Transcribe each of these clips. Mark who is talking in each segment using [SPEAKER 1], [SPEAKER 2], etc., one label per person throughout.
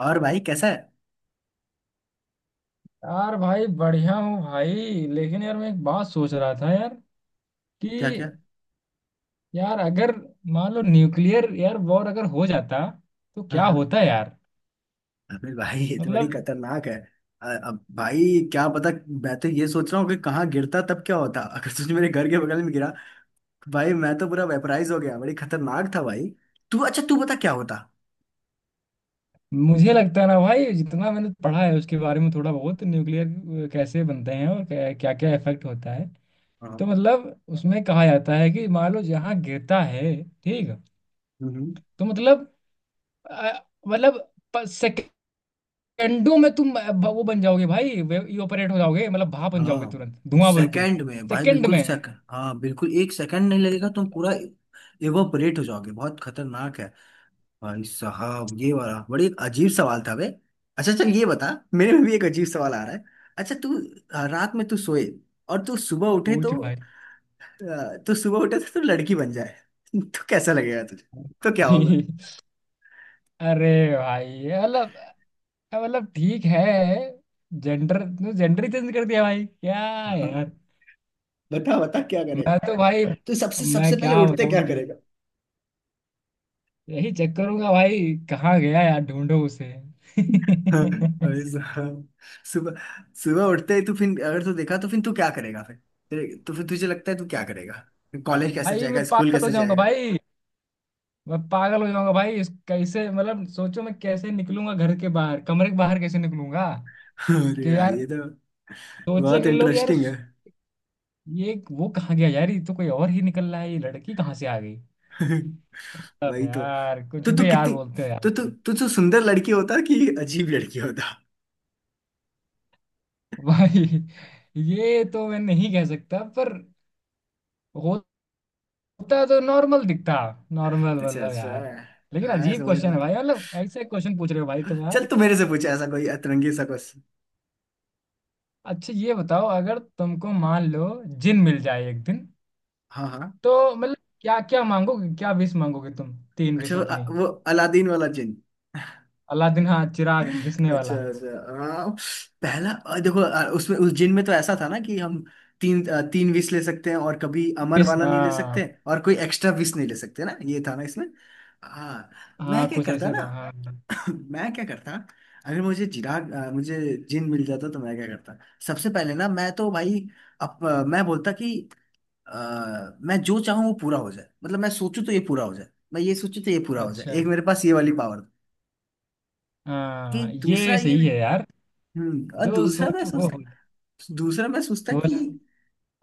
[SPEAKER 1] और भाई कैसा है।
[SPEAKER 2] यार भाई बढ़िया हूँ भाई। लेकिन यार मैं एक बात सोच रहा था यार
[SPEAKER 1] क्या
[SPEAKER 2] कि
[SPEAKER 1] क्या।
[SPEAKER 2] यार अगर मान लो न्यूक्लियर यार वॉर अगर हो जाता तो
[SPEAKER 1] हाँ
[SPEAKER 2] क्या
[SPEAKER 1] हाँ।
[SPEAKER 2] होता यार।
[SPEAKER 1] अबे भाई, ये तो बड़ी
[SPEAKER 2] मतलब
[SPEAKER 1] खतरनाक है। अब भाई। क्या पता। मैं तो ये सोच रहा हूँ कि कहाँ गिरता, तब क्या होता। अगर तुझे मेरे घर के बगल में गिरा तो भाई मैं तो पूरा वेपराइज हो गया। बड़ी खतरनाक था भाई। तू, अच्छा तू बता क्या होता।
[SPEAKER 2] मुझे लगता है ना भाई जितना मैंने पढ़ा है उसके बारे में थोड़ा बहुत न्यूक्लियर कैसे बनते हैं और क्या क्या इफेक्ट होता है। तो
[SPEAKER 1] हाँ।
[SPEAKER 2] मतलब उसमें कहा जाता है कि मान लो जहाँ गिरता है। ठीक।
[SPEAKER 1] हम्म।
[SPEAKER 2] तो मतलब अ, मतलब डंडों में तुम वो बन जाओगे भाई इवापोरेट हो जाओगे मतलब भाप बन जाओगे
[SPEAKER 1] हाँ।
[SPEAKER 2] तुरंत धुआं बिल्कुल।
[SPEAKER 1] सेकंड में भाई,
[SPEAKER 2] सेकंड
[SPEAKER 1] बिल्कुल
[SPEAKER 2] में।
[SPEAKER 1] सेकंड। हाँ बिल्कुल, एक सेकंड नहीं लगेगा, तुम पूरा इवोपरेट हो जाओगे। बहुत खतरनाक है। भाई साहब, ये वाला बड़ी एक अजीब सवाल था बे। अच्छा चल ये बता। मेरे में भी एक अजीब सवाल आ रहा है। अच्छा तू। रात में तू सोए और तू सुबह उठे
[SPEAKER 2] पूछ
[SPEAKER 1] तो।
[SPEAKER 2] भाई।
[SPEAKER 1] तू सुबह उठे तो तू लड़की बन जाए तो कैसा लगेगा तुझे। तो क्या होगा।
[SPEAKER 2] अरे भाई ये मतलब ठीक है। जेंडर जेंडर ही चेंज कर दिया भाई क्या।
[SPEAKER 1] हाँ,
[SPEAKER 2] यार
[SPEAKER 1] बता बता क्या करेगा।
[SPEAKER 2] मैं तो भाई
[SPEAKER 1] तो सबसे सबसे
[SPEAKER 2] मैं
[SPEAKER 1] पहले
[SPEAKER 2] क्या
[SPEAKER 1] उठते
[SPEAKER 2] बताऊं
[SPEAKER 1] क्या
[SPEAKER 2] तुमको?
[SPEAKER 1] करेगा।
[SPEAKER 2] यही चेक करूंगा भाई। कहाँ गया यार ढूंढो उसे।
[SPEAKER 1] हाँ, भाई साहब। सुबह, सुबह उठते ही तू फिर, अगर तू देखा तो फिर तू क्या करेगा फिर। तो फिर तुझे लगता है तू क्या करेगा। कॉलेज कैसे
[SPEAKER 2] भाई मैं
[SPEAKER 1] जाएगा, स्कूल
[SPEAKER 2] पागल हो
[SPEAKER 1] कैसे
[SPEAKER 2] जाऊंगा
[SPEAKER 1] जाएगा।
[SPEAKER 2] भाई। मैं पागल हो जाऊंगा भाई इस कैसे मतलब सोचो मैं कैसे निकलूंगा घर के बाहर कमरे के बाहर कैसे निकलूंगा।
[SPEAKER 1] अरे
[SPEAKER 2] कि
[SPEAKER 1] यार,
[SPEAKER 2] यार
[SPEAKER 1] ये तो बहुत
[SPEAKER 2] सोचेंगे लोग यार।
[SPEAKER 1] इंटरेस्टिंग है।
[SPEAKER 2] ये वो कहाँ गया यार ये तो कोई और ही निकल रहा है ये लड़की कहाँ से आ गई। अब
[SPEAKER 1] वही तो।
[SPEAKER 2] यार कुछ
[SPEAKER 1] तो तू
[SPEAKER 2] भी यार
[SPEAKER 1] कितनी।
[SPEAKER 2] बोलते हैं
[SPEAKER 1] तो
[SPEAKER 2] यार।
[SPEAKER 1] तू तू तू सुंदर लड़की होता कि अजीब लड़की होता।
[SPEAKER 2] भाई ये तो मैं नहीं कह सकता पर होता तो नॉर्मल दिखता। नॉर्मल
[SPEAKER 1] अच्छा
[SPEAKER 2] मतलब
[SPEAKER 1] अच्छा।
[SPEAKER 2] यार। लेकिन
[SPEAKER 1] हाँ
[SPEAKER 2] अजीब
[SPEAKER 1] समझ रहा
[SPEAKER 2] क्वेश्चन है भाई मतलब ऐसे क्वेश्चन पूछ रहे हो भाई
[SPEAKER 1] हूँ।
[SPEAKER 2] तुम
[SPEAKER 1] चल
[SPEAKER 2] यार।
[SPEAKER 1] तू मेरे से पूछ ऐसा कोई अतरंगी सा क्वेश्चन।
[SPEAKER 2] अच्छा ये बताओ अगर तुमको मान लो जिन मिल जाए एक दिन।
[SPEAKER 1] हाँ हाँ।
[SPEAKER 2] तो मतलब क्या क्या मांगोगे क्या विश मांगोगे तुम। तीन
[SPEAKER 1] अच्छा
[SPEAKER 2] विश
[SPEAKER 1] वो,
[SPEAKER 2] अपनी।
[SPEAKER 1] वो अलादीन वाला जिन।
[SPEAKER 2] अलादीन हाँ चिराग घिसने
[SPEAKER 1] अच्छा
[SPEAKER 2] वाला।
[SPEAKER 1] अच्छा हाँ। पहला, देखो, उसमें उस जिन में तो ऐसा था ना कि हम तीन विश ले सकते हैं, और कभी अमर
[SPEAKER 2] विश
[SPEAKER 1] वाला नहीं ले
[SPEAKER 2] हाँ।
[SPEAKER 1] सकते, और कोई एक्स्ट्रा विश नहीं ले सकते ना, ये था ना इसमें। हाँ। मैं
[SPEAKER 2] हाँ
[SPEAKER 1] क्या
[SPEAKER 2] कुछ
[SPEAKER 1] करता
[SPEAKER 2] ऐसे
[SPEAKER 1] ना।
[SPEAKER 2] था हाँ हाँ।
[SPEAKER 1] मैं क्या करता। अगर मुझे जिन मिल जाता तो मैं क्या करता। सबसे पहले ना मैं तो भाई, अब मैं बोलता कि मैं जो चाहूँ वो पूरा हो जाए, मतलब मैं सोचूं तो ये पूरा हो जाए। मैं ये सोचूं तो ये पूरा हो जाए,
[SPEAKER 2] अच्छा।
[SPEAKER 1] एक मेरे पास ये वाली पावर। कि
[SPEAKER 2] हाँ
[SPEAKER 1] दूसरा
[SPEAKER 2] ये
[SPEAKER 1] ये।
[SPEAKER 2] सही है यार।
[SPEAKER 1] और
[SPEAKER 2] जो
[SPEAKER 1] दूसरा मैं
[SPEAKER 2] सोचो वो हो।
[SPEAKER 1] सोचता। दूसरा मैं सोचता
[SPEAKER 2] सोच।
[SPEAKER 1] कि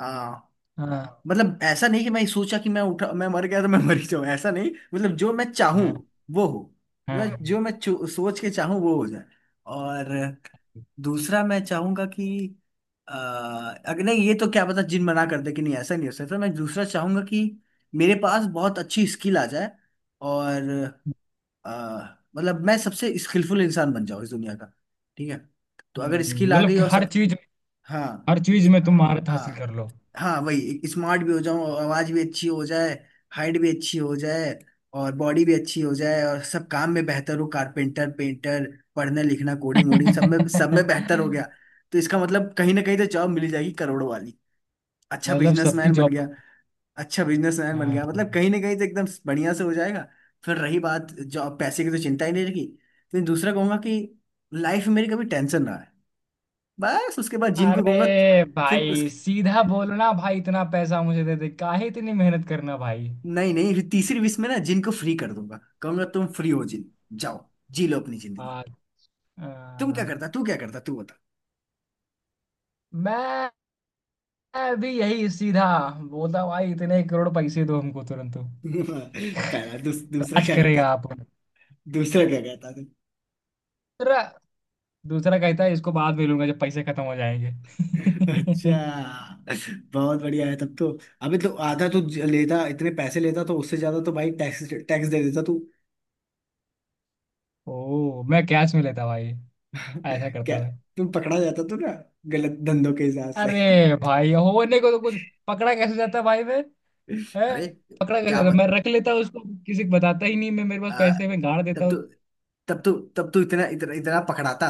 [SPEAKER 1] आ,
[SPEAKER 2] हाँ।
[SPEAKER 1] मतलब ऐसा नहीं कि मैं सोचा कि मैं उठा मैं मर गया तो मैं मर ही जाऊं, ऐसा नहीं, मतलब जो मैं चाहूं
[SPEAKER 2] हाँ।
[SPEAKER 1] वो हो। मतलब जो
[SPEAKER 2] हाँ।
[SPEAKER 1] मैं सोच के चाहूं वो हो जाए। और दूसरा मैं चाहूंगा कि आ, अगर नहीं ये तो क्या पता जिन मना कर दे कि नहीं ऐसा नहीं हो सकता, मैं दूसरा चाहूंगा कि मेरे पास बहुत अच्छी स्किल आ जाए। और आ, मतलब मैं सबसे स्किलफुल इंसान बन जाऊं इस दुनिया का। ठीक है। तो अगर स्किल आ
[SPEAKER 2] मतलब
[SPEAKER 1] गई
[SPEAKER 2] कि
[SPEAKER 1] और सब। हाँ।
[SPEAKER 2] हर चीज
[SPEAKER 1] एक।
[SPEAKER 2] में तुम महारत हासिल कर
[SPEAKER 1] हाँ।
[SPEAKER 2] लो।
[SPEAKER 1] हाँ वही स्मार्ट भी हो जाऊं, आवाज भी अच्छी हो जाए, हाइट भी अच्छी हो जाए, और बॉडी भी अच्छी हो जाए, और सब काम में बेहतर हो, कारपेंटर, पेंटर, पढ़ने लिखना, कोडिंग वोडिंग, सब में बेहतर हो गया। तो इसका मतलब कहीं ना कहीं तो जॉब मिल जाएगी करोड़ों वाली। अच्छा
[SPEAKER 2] मतलब सबकी
[SPEAKER 1] बिजनेसमैन बन
[SPEAKER 2] जॉब।
[SPEAKER 1] गया। अच्छा बिजनेसमैन बन
[SPEAKER 2] हाँ।
[SPEAKER 1] गया, मतलब कहीं ना कहीं तो एकदम बढ़िया से हो जाएगा। फिर रही बात जॉब पैसे की, तो चिंता ही नहीं रहेगी। फिर दूसरा कहूंगा कि लाइफ में मेरी कभी टेंशन ना है। बस उसके बाद जिनको कहूंगा।
[SPEAKER 2] अरे
[SPEAKER 1] फिर
[SPEAKER 2] भाई
[SPEAKER 1] उसके,
[SPEAKER 2] सीधा बोलना भाई इतना पैसा मुझे दे दे काहे इतनी मेहनत करना भाई।
[SPEAKER 1] नहीं नहीं, फिर तीसरी विश में ना जिन को फ्री कर दूंगा, कहूंगा तुम फ्री हो जिन, जाओ, जी लो अपनी जिंदगी।
[SPEAKER 2] हाँ,
[SPEAKER 1] तुम क्या
[SPEAKER 2] अ,
[SPEAKER 1] करता तू क्या करता, तू बता
[SPEAKER 2] मैं भी यही सीधा बोलता हूँ, भाई इतने करोड़ पैसे दो हमको तुरंत तो
[SPEAKER 1] पहला दूसरा
[SPEAKER 2] राज
[SPEAKER 1] क्या करता
[SPEAKER 2] करेगा
[SPEAKER 1] था।
[SPEAKER 2] आप पर।"
[SPEAKER 1] दूसरा क्या करता था।
[SPEAKER 2] दूसरा। दूसरा कहता है इसको बाद में लूंगा जब पैसे खत्म हो जाएंगे।
[SPEAKER 1] अच्छा। बहुत बढ़िया है तब तो। अबे तो आधा तो लेता, इतने पैसे लेता तो उससे ज्यादा तो भाई टैक्स टैक्स दे देता तू।
[SPEAKER 2] ओ मैं कैश में लेता भाई। ऐसा करता
[SPEAKER 1] क्या।
[SPEAKER 2] मैं।
[SPEAKER 1] तुम पकड़ा जाता तू ना, गलत धंधों के हिसाब से।
[SPEAKER 2] अरे भाई होने को तो कुछ पकड़ा कैसे जाता भाई मैं है।
[SPEAKER 1] अरे।
[SPEAKER 2] पकड़ा कैसे
[SPEAKER 1] क्या।
[SPEAKER 2] जाता मैं रख लेता उसको। किसी को बताता ही नहीं मैं मेरे पास
[SPEAKER 1] आ,
[SPEAKER 2] पैसे में गाड़
[SPEAKER 1] तब
[SPEAKER 2] देता
[SPEAKER 1] तो, तब तो, तब तो इतना इतना इतना पकड़ाता।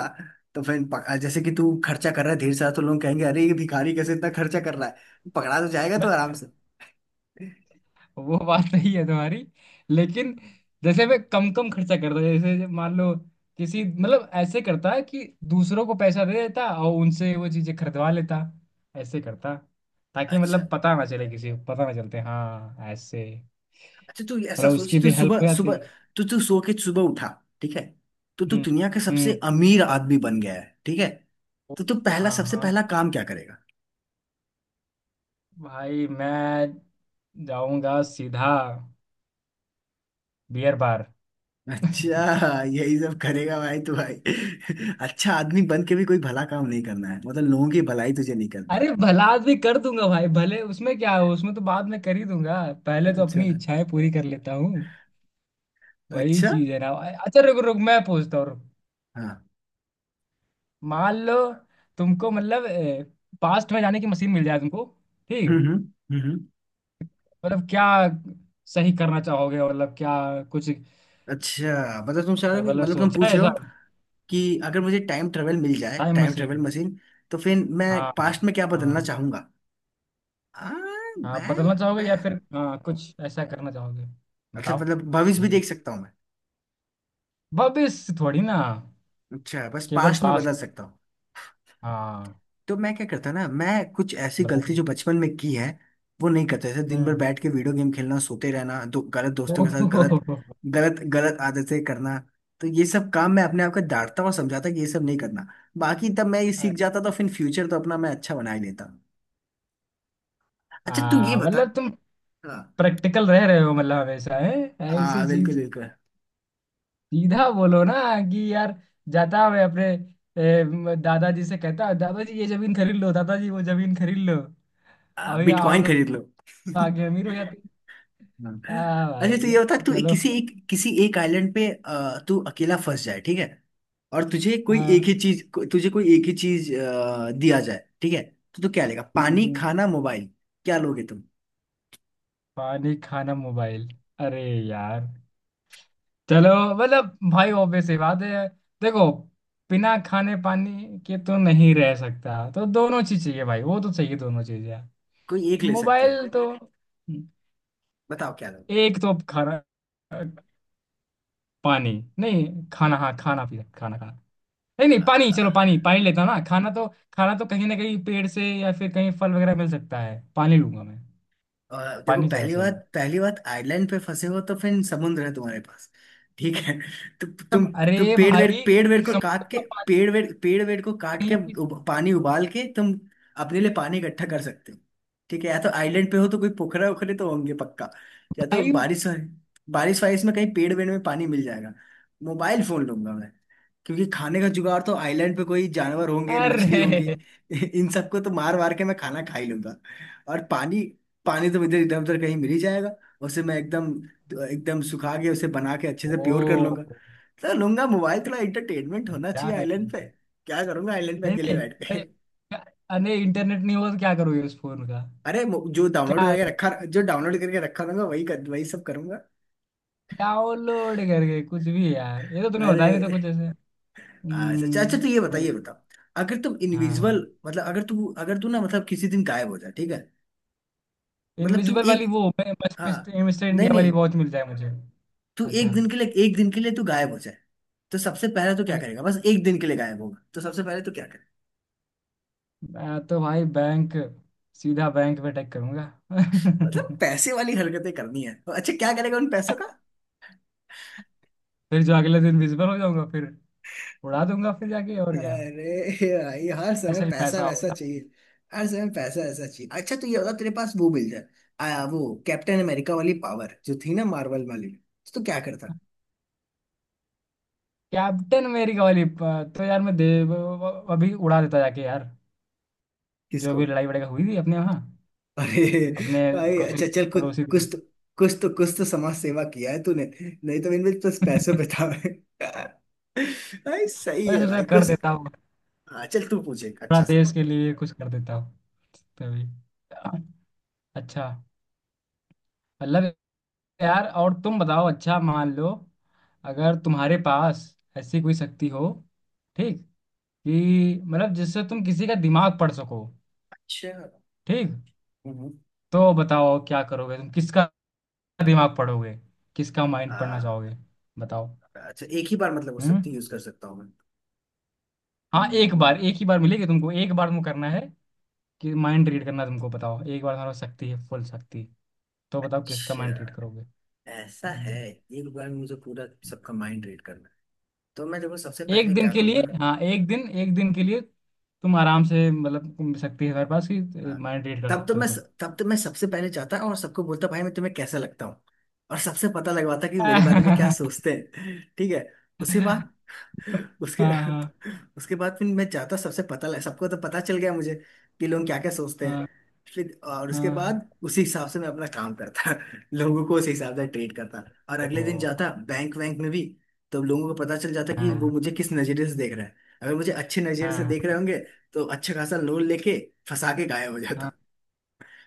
[SPEAKER 1] तो फिर जैसे कि तू खर्चा कर रहा है ढेर सारा, तो लोग कहेंगे अरे ये भिखारी कैसे इतना खर्चा कर रहा है, पकड़ा तो जाएगा तो आराम
[SPEAKER 2] हूँ।
[SPEAKER 1] से।
[SPEAKER 2] वो बात सही है तुम्हारी। लेकिन जैसे मैं कम कम खर्चा करता जैसे जब मान लो किसी मतलब ऐसे करता है कि दूसरों को पैसा दे देता और उनसे वो चीजें खरीदवा लेता। ऐसे करता। ताकि
[SPEAKER 1] अच्छा
[SPEAKER 2] मतलब पता ना चले किसी को पता ना चलते हाँ ऐसे।
[SPEAKER 1] अच्छा, तू
[SPEAKER 2] और
[SPEAKER 1] ऐसा
[SPEAKER 2] उसकी
[SPEAKER 1] सोच, तू
[SPEAKER 2] भी हेल्प
[SPEAKER 1] सुबह
[SPEAKER 2] हो जाती।
[SPEAKER 1] सुबह, तू तू सो के सुबह उठा, ठीक है। तो तू
[SPEAKER 2] हम्म
[SPEAKER 1] दुनिया का
[SPEAKER 2] हम्म।
[SPEAKER 1] सबसे अमीर आदमी बन गया है, ठीक है। तो तू पहला,
[SPEAKER 2] हाँ
[SPEAKER 1] सबसे
[SPEAKER 2] हाँ
[SPEAKER 1] पहला काम क्या करेगा।
[SPEAKER 2] भाई मैं जाऊंगा सीधा बियर बार।
[SPEAKER 1] अच्छा यही सब करेगा भाई तू भाई। अच्छा आदमी बन के भी कोई भला काम नहीं करना है, मतलब लोगों की भलाई तुझे नहीं करनी
[SPEAKER 2] अरे भला आदमी कर दूंगा भाई भले उसमें क्या हो उसमें तो बाद में कर ही दूंगा। पहले
[SPEAKER 1] है।
[SPEAKER 2] तो
[SPEAKER 1] अच्छा।
[SPEAKER 2] अपनी इच्छाएं पूरी कर लेता हूँ। वही
[SPEAKER 1] अच्छा।
[SPEAKER 2] चीज है ना। अच्छा रुक रुक मैं पूछता हूँ रुक।
[SPEAKER 1] हाँ।
[SPEAKER 2] मान लो तुमको मतलब पास्ट में जाने की मशीन मिल जाए तुमको। ठीक।
[SPEAKER 1] हम्म। हम्म। हम्म।
[SPEAKER 2] मतलब क्या सही करना चाहोगे मतलब क्या कुछ
[SPEAKER 1] अच्छा मतलब तुम चाह रहे हो
[SPEAKER 2] मतलब
[SPEAKER 1] मतलब तुम
[SPEAKER 2] सोचा है
[SPEAKER 1] पूछ रहे
[SPEAKER 2] ऐसा।
[SPEAKER 1] हो कि अगर मुझे टाइम ट्रेवल मिल जाए,
[SPEAKER 2] time
[SPEAKER 1] time travel
[SPEAKER 2] machine.
[SPEAKER 1] Machine, तो फिर मैं
[SPEAKER 2] हाँ।
[SPEAKER 1] पास्ट में क्या
[SPEAKER 2] हाँ
[SPEAKER 1] बदलना चाहूंगा। आ,
[SPEAKER 2] हाँ बदलना
[SPEAKER 1] मैं,
[SPEAKER 2] चाहोगे
[SPEAKER 1] मैं
[SPEAKER 2] या फिर हाँ कुछ ऐसा करना चाहोगे।
[SPEAKER 1] अच्छा
[SPEAKER 2] बताओ
[SPEAKER 1] मतलब भविष्य भी
[SPEAKER 2] जल्दी।
[SPEAKER 1] देख सकता हूँ मैं।
[SPEAKER 2] भविष्य थोड़ी ना।
[SPEAKER 1] अच्छा बस
[SPEAKER 2] केवल
[SPEAKER 1] पास्ट में बदल
[SPEAKER 2] पास्ट।
[SPEAKER 1] सकता हूँ।
[SPEAKER 2] हाँ।
[SPEAKER 1] तो मैं क्या करता ना, मैं कुछ ऐसी गलती
[SPEAKER 2] बराबर।
[SPEAKER 1] जो बचपन में की है वो नहीं करता, जैसे दिन भर
[SPEAKER 2] हम्म।
[SPEAKER 1] बैठ के वीडियो गेम खेलना, सोते रहना, दो गलत दोस्तों के साथ, गलत
[SPEAKER 2] ओहो
[SPEAKER 1] गलत गलत आदतें करना। तो ये सब काम मैं अपने आप को डांटता और समझाता कि ये सब नहीं करना। बाकी तब मैं ये सीख जाता तो फिर फ्यूचर तो अपना मैं अच्छा बना ही लेता। अच्छा तू ये बता।
[SPEAKER 2] मतलब तुम
[SPEAKER 1] हाँ।
[SPEAKER 2] प्रैक्टिकल रह रहे हो मतलब हमेशा है ऐसी
[SPEAKER 1] बिल्कुल
[SPEAKER 2] चीज।
[SPEAKER 1] बिल्कुल।
[SPEAKER 2] सीधा बोलो ना कि यार जाता मैं अपने दादाजी से कहता दादाजी ये जमीन खरीद लो दादाजी वो जमीन खरीद लो।
[SPEAKER 1] हाँ,
[SPEAKER 2] अभी
[SPEAKER 1] बिटकॉइन
[SPEAKER 2] हम
[SPEAKER 1] खरीद
[SPEAKER 2] लोग
[SPEAKER 1] लो
[SPEAKER 2] आगे अमीर हो जाते
[SPEAKER 1] हाँ।
[SPEAKER 2] हैं। आ
[SPEAKER 1] अच्छा तो
[SPEAKER 2] भाई।
[SPEAKER 1] ये बता, तू
[SPEAKER 2] चलो
[SPEAKER 1] किसी एक, किसी एक आइलैंड पे तू अकेला फंस जाए, ठीक है। और तुझे कोई एक
[SPEAKER 2] हाँ
[SPEAKER 1] ही चीज को, तुझे कोई एक ही चीज दिया जाए, ठीक है। तो तू क्या लेगा,
[SPEAKER 2] हम्म,
[SPEAKER 1] पानी,
[SPEAKER 2] हम्म।
[SPEAKER 1] खाना, मोबाइल। क्या लोगे तुम।
[SPEAKER 2] पानी खाना मोबाइल। अरे यार चलो मतलब भाई ऑब्वियस सी बात है। देखो बिना खाने पानी के तो नहीं रह सकता तो दोनों चीज चाहिए भाई वो तो चाहिए दोनों चीजें।
[SPEAKER 1] कोई एक ले सकते हो।
[SPEAKER 2] मोबाइल तो
[SPEAKER 1] बताओ क्या
[SPEAKER 2] एक तो खाना पानी नहीं खाना हाँ खाना पीना खाना खाना नहीं नहीं पानी
[SPEAKER 1] लोगे।
[SPEAKER 2] चलो पानी पानी लेता हूँ ना खाना तो। खाना तो कहीं ना कहीं पेड़ से या फिर कहीं फल वगैरह मिल सकता है पानी लूंगा मैं।
[SPEAKER 1] और देखो,
[SPEAKER 2] पानी ज्यादा
[SPEAKER 1] पहली
[SPEAKER 2] सही
[SPEAKER 1] बात,
[SPEAKER 2] है।
[SPEAKER 1] पहली बात, आइलैंड पे फंसे हो तो फिर समुद्र है तुम्हारे पास, ठीक है। तो
[SPEAKER 2] तुम
[SPEAKER 1] तुम तुम
[SPEAKER 2] अरे
[SPEAKER 1] पेड़ वेड़,
[SPEAKER 2] भाई
[SPEAKER 1] पेड़ वेड़
[SPEAKER 2] तुम
[SPEAKER 1] को
[SPEAKER 2] समझ
[SPEAKER 1] काट के,
[SPEAKER 2] तो पानी
[SPEAKER 1] पेड़ वेड़, पेड़ वेड़ को काट के,
[SPEAKER 2] नहीं पी
[SPEAKER 1] पानी उबाल के तुम अपने लिए पानी इकट्ठा कर सकते हो, ठीक है। या तो आइलैंड पे हो तो कोई पोखरा ओखरे तो होंगे पक्का। या तो
[SPEAKER 2] भाई।
[SPEAKER 1] बारिश, बारिश वारिश में कहीं पेड़ वेड़ में पानी मिल जाएगा। मोबाइल फोन लूंगा मैं, क्योंकि खाने का जुगाड़ तो आइलैंड पे कोई जानवर होंगे, मछली होंगी।
[SPEAKER 2] अरे
[SPEAKER 1] इन सबको तो मार मार के मैं खाना खा ही लूंगा। और पानी, पानी तो इधर इधर उधर कहीं मिल ही जाएगा, उसे मैं एकदम, एकदम सुखा के उसे बना के अच्छे से प्योर कर
[SPEAKER 2] ओ
[SPEAKER 1] लूंगा। तो लूंगा मोबाइल, थोड़ा एंटरटेनमेंट होना
[SPEAKER 2] क्या
[SPEAKER 1] चाहिए
[SPEAKER 2] करते
[SPEAKER 1] आइलैंड पे।
[SPEAKER 2] हैं?
[SPEAKER 1] क्या करूंगा आइलैंड पे
[SPEAKER 2] नहीं
[SPEAKER 1] अकेले
[SPEAKER 2] नहीं
[SPEAKER 1] बैठ के
[SPEAKER 2] अरे क्या- अरे इंटरनेट नहीं होगा तो क्या करोगे उस फोन का।
[SPEAKER 1] अरे जो डाउनलोड
[SPEAKER 2] क्या।
[SPEAKER 1] करके रखा, जो डाउनलोड करके रखा रहूंगा, वही कर, वही सब करूंगा।
[SPEAKER 2] डाउनलोड करके कुछ भी यार ये तो तूने
[SPEAKER 1] अरे।
[SPEAKER 2] बताया नहीं था कुछ ऐसे।
[SPEAKER 1] हाँ, अच्छा अच्छा
[SPEAKER 2] हम्म।
[SPEAKER 1] तो ये बताइए,
[SPEAKER 2] वही,
[SPEAKER 1] ये बताओ, अगर तुम
[SPEAKER 2] हाँ।
[SPEAKER 1] इनविजिबल, मतलब अगर तू ना, मतलब किसी दिन गायब हो जाए, ठीक है। मतलब तू
[SPEAKER 2] इनविजिबल
[SPEAKER 1] एक,
[SPEAKER 2] वाली वो बस
[SPEAKER 1] हाँ,
[SPEAKER 2] मिस्टर मिस्टर
[SPEAKER 1] नहीं
[SPEAKER 2] इंडिया वाली
[SPEAKER 1] नहीं,
[SPEAKER 2] वॉच मिल जाए मुझे।
[SPEAKER 1] तू
[SPEAKER 2] अच्छा।
[SPEAKER 1] एक दिन के लिए, एक दिन के लिए तू गायब हो जाए, तो सबसे पहले तो क्या
[SPEAKER 2] अरे
[SPEAKER 1] करेगा, बस एक दिन के लिए गायब होगा तो सबसे पहले तो क्या करे।
[SPEAKER 2] मैं तो भाई बैंक सीधा बैंक में अटैक करूंगा।
[SPEAKER 1] मतलब पैसे वाली हरकतें करनी है, तो अच्छा क्या करेगा उन पैसों का।
[SPEAKER 2] फिर जो अगले दिन विजिबल हो जाऊंगा फिर उड़ा दूंगा फिर जाके और क्या।
[SPEAKER 1] अरे भाई हर समय
[SPEAKER 2] ऐसा ही
[SPEAKER 1] पैसा
[SPEAKER 2] पैसा।
[SPEAKER 1] वैसा चाहिए। हर समय पैसा वैसा चाहिए। अच्छा तो ये होगा तेरे पास, वो मिल जाए, वो कैप्टन अमेरिका वाली पावर जो थी ना, मार्वल वाली, तो क्या करता।
[SPEAKER 2] कैप्टन अमेरिका वाली तो यार मैं दे अभी उड़ा देता जाके यार। जो
[SPEAKER 1] किसको।
[SPEAKER 2] भी लड़ाई वड़ाई हुई थी अपने यहाँ
[SPEAKER 1] अरे
[SPEAKER 2] अपने
[SPEAKER 1] भाई,
[SPEAKER 2] पड़ोसी
[SPEAKER 1] अच्छा चल कुछ,
[SPEAKER 2] पड़ोसी
[SPEAKER 1] कुछ
[SPEAKER 2] देश
[SPEAKER 1] तो,
[SPEAKER 2] में।
[SPEAKER 1] कुछ तो कुछ तो समाज सेवा किया है तूने, नहीं तो इनमें बस पैसे बिता है। भाई सही
[SPEAKER 2] मैं
[SPEAKER 1] है
[SPEAKER 2] सोचा
[SPEAKER 1] भाई
[SPEAKER 2] कर
[SPEAKER 1] कुछ।
[SPEAKER 2] देता हूँ।
[SPEAKER 1] हाँ, चल तू पूछे एक
[SPEAKER 2] थोड़ा
[SPEAKER 1] अच्छा सा।
[SPEAKER 2] देश के लिए कुछ कर देता हूँ तभी। अच्छा मतलब यार और तुम बताओ अच्छा मान लो अगर तुम्हारे पास ऐसी कोई शक्ति हो। ठीक। कि मतलब जिससे तुम किसी का दिमाग पढ़ सको।
[SPEAKER 1] अच्छा।
[SPEAKER 2] ठीक।
[SPEAKER 1] हम्म।
[SPEAKER 2] तो बताओ क्या करोगे तुम किसका दिमाग पढ़ोगे किसका माइंड पढ़ना
[SPEAKER 1] हाँ।
[SPEAKER 2] चाहोगे। बताओ।
[SPEAKER 1] अच्छा एक ही बार मतलब वो
[SPEAKER 2] हम्म।
[SPEAKER 1] शक्ति यूज कर सकता हूँ मैं।
[SPEAKER 2] हाँ एक
[SPEAKER 1] हम्म।
[SPEAKER 2] बार एक ही बार मिलेगी तुमको एक बार तुमको करना है कि माइंड रीड करना है तुमको बताओ एक बार तुम्हारा शक्ति है फुल शक्ति। तो बताओ किसका माइंड रीड
[SPEAKER 1] अच्छा
[SPEAKER 2] करोगे।
[SPEAKER 1] ऐसा है,
[SPEAKER 2] हम्म।
[SPEAKER 1] एक बार मुझे पूरा सबका माइंड रीड करना है, तो मैं देखो सबसे
[SPEAKER 2] एक
[SPEAKER 1] पहले
[SPEAKER 2] दिन
[SPEAKER 1] क्या
[SPEAKER 2] के
[SPEAKER 1] करूंगा।
[SPEAKER 2] लिए हाँ एक दिन के लिए तुम आराम से मतलब तुम शक्ति है तुम्हारे पास कि
[SPEAKER 1] हाँ।
[SPEAKER 2] माइंड रीड कर
[SPEAKER 1] तब तो
[SPEAKER 2] सकते हो
[SPEAKER 1] मैं
[SPEAKER 2] तुम।
[SPEAKER 1] तब तो मैं सबसे पहले जाता और सबको बोलता भाई मैं तुम्हें कैसा लगता हूँ, और सबसे पता लगवाता कि मेरे बारे में क्या
[SPEAKER 2] हाँ
[SPEAKER 1] सोचते हैं, ठीक है। उसके बाद, उसके
[SPEAKER 2] हाँ
[SPEAKER 1] उसके बाद फिर मैं जाता सबसे पता लग, सबको तो पता चल गया मुझे कि लोग क्या क्या सोचते हैं।
[SPEAKER 2] हाँ
[SPEAKER 1] फिर और उसके
[SPEAKER 2] हाँ।
[SPEAKER 1] बाद उसी हिसाब से मैं अपना काम करता, लोगों को उसी हिसाब से ट्रीट करता। और अगले दिन
[SPEAKER 2] ओ,
[SPEAKER 1] जाता बैंक वैंक में भी, तो लोगों को पता चल जाता कि वो
[SPEAKER 2] हाँ
[SPEAKER 1] मुझे किस नजरिए से देख रहा है। अगर मुझे अच्छे नजरिए से देख रहे
[SPEAKER 2] हाँ
[SPEAKER 1] होंगे तो अच्छा खासा लोन लेके फंसा के गायब हो,
[SPEAKER 2] हाँ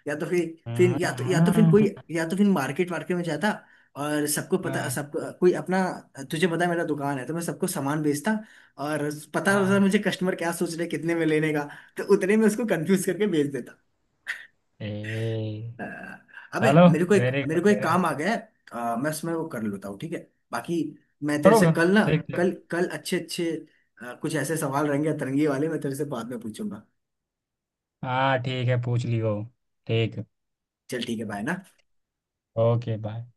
[SPEAKER 1] या तो फिर
[SPEAKER 2] हाँ
[SPEAKER 1] या तो फिर कोई,
[SPEAKER 2] हाँ
[SPEAKER 1] या तो फिर मार्केट वार्केट में जाता और सबको पता,
[SPEAKER 2] हाँ,
[SPEAKER 1] सबको कोई अपना, तुझे पता है मेरा दुकान है, तो मैं सबको सामान बेचता, और पता रहता
[SPEAKER 2] हाँ।
[SPEAKER 1] मुझे कस्टमर क्या सोच रहे, कितने में लेने का, तो उतने में उसको कंफ्यूज करके बेच देता।
[SPEAKER 2] ए
[SPEAKER 1] अ, अबे
[SPEAKER 2] चलो वेरी
[SPEAKER 1] मेरे
[SPEAKER 2] गुड
[SPEAKER 1] को एक
[SPEAKER 2] वेरी गुड।
[SPEAKER 1] काम आ गया है, मैं उसमें वो कर लेता हूँ, ठीक है। बाकी मैं तेरे से
[SPEAKER 2] करोगे
[SPEAKER 1] कल ना,
[SPEAKER 2] ठीक ठीक।
[SPEAKER 1] कल कल अच्छे अच्छे, कुछ ऐसे सवाल रहेंगे अतरंगी वाले, मैं तेरे से बाद में पूछूंगा।
[SPEAKER 2] हाँ ठीक है पूछ लियो। ठीक।
[SPEAKER 1] चल ठीक है, बाय ना।
[SPEAKER 2] Okay bye.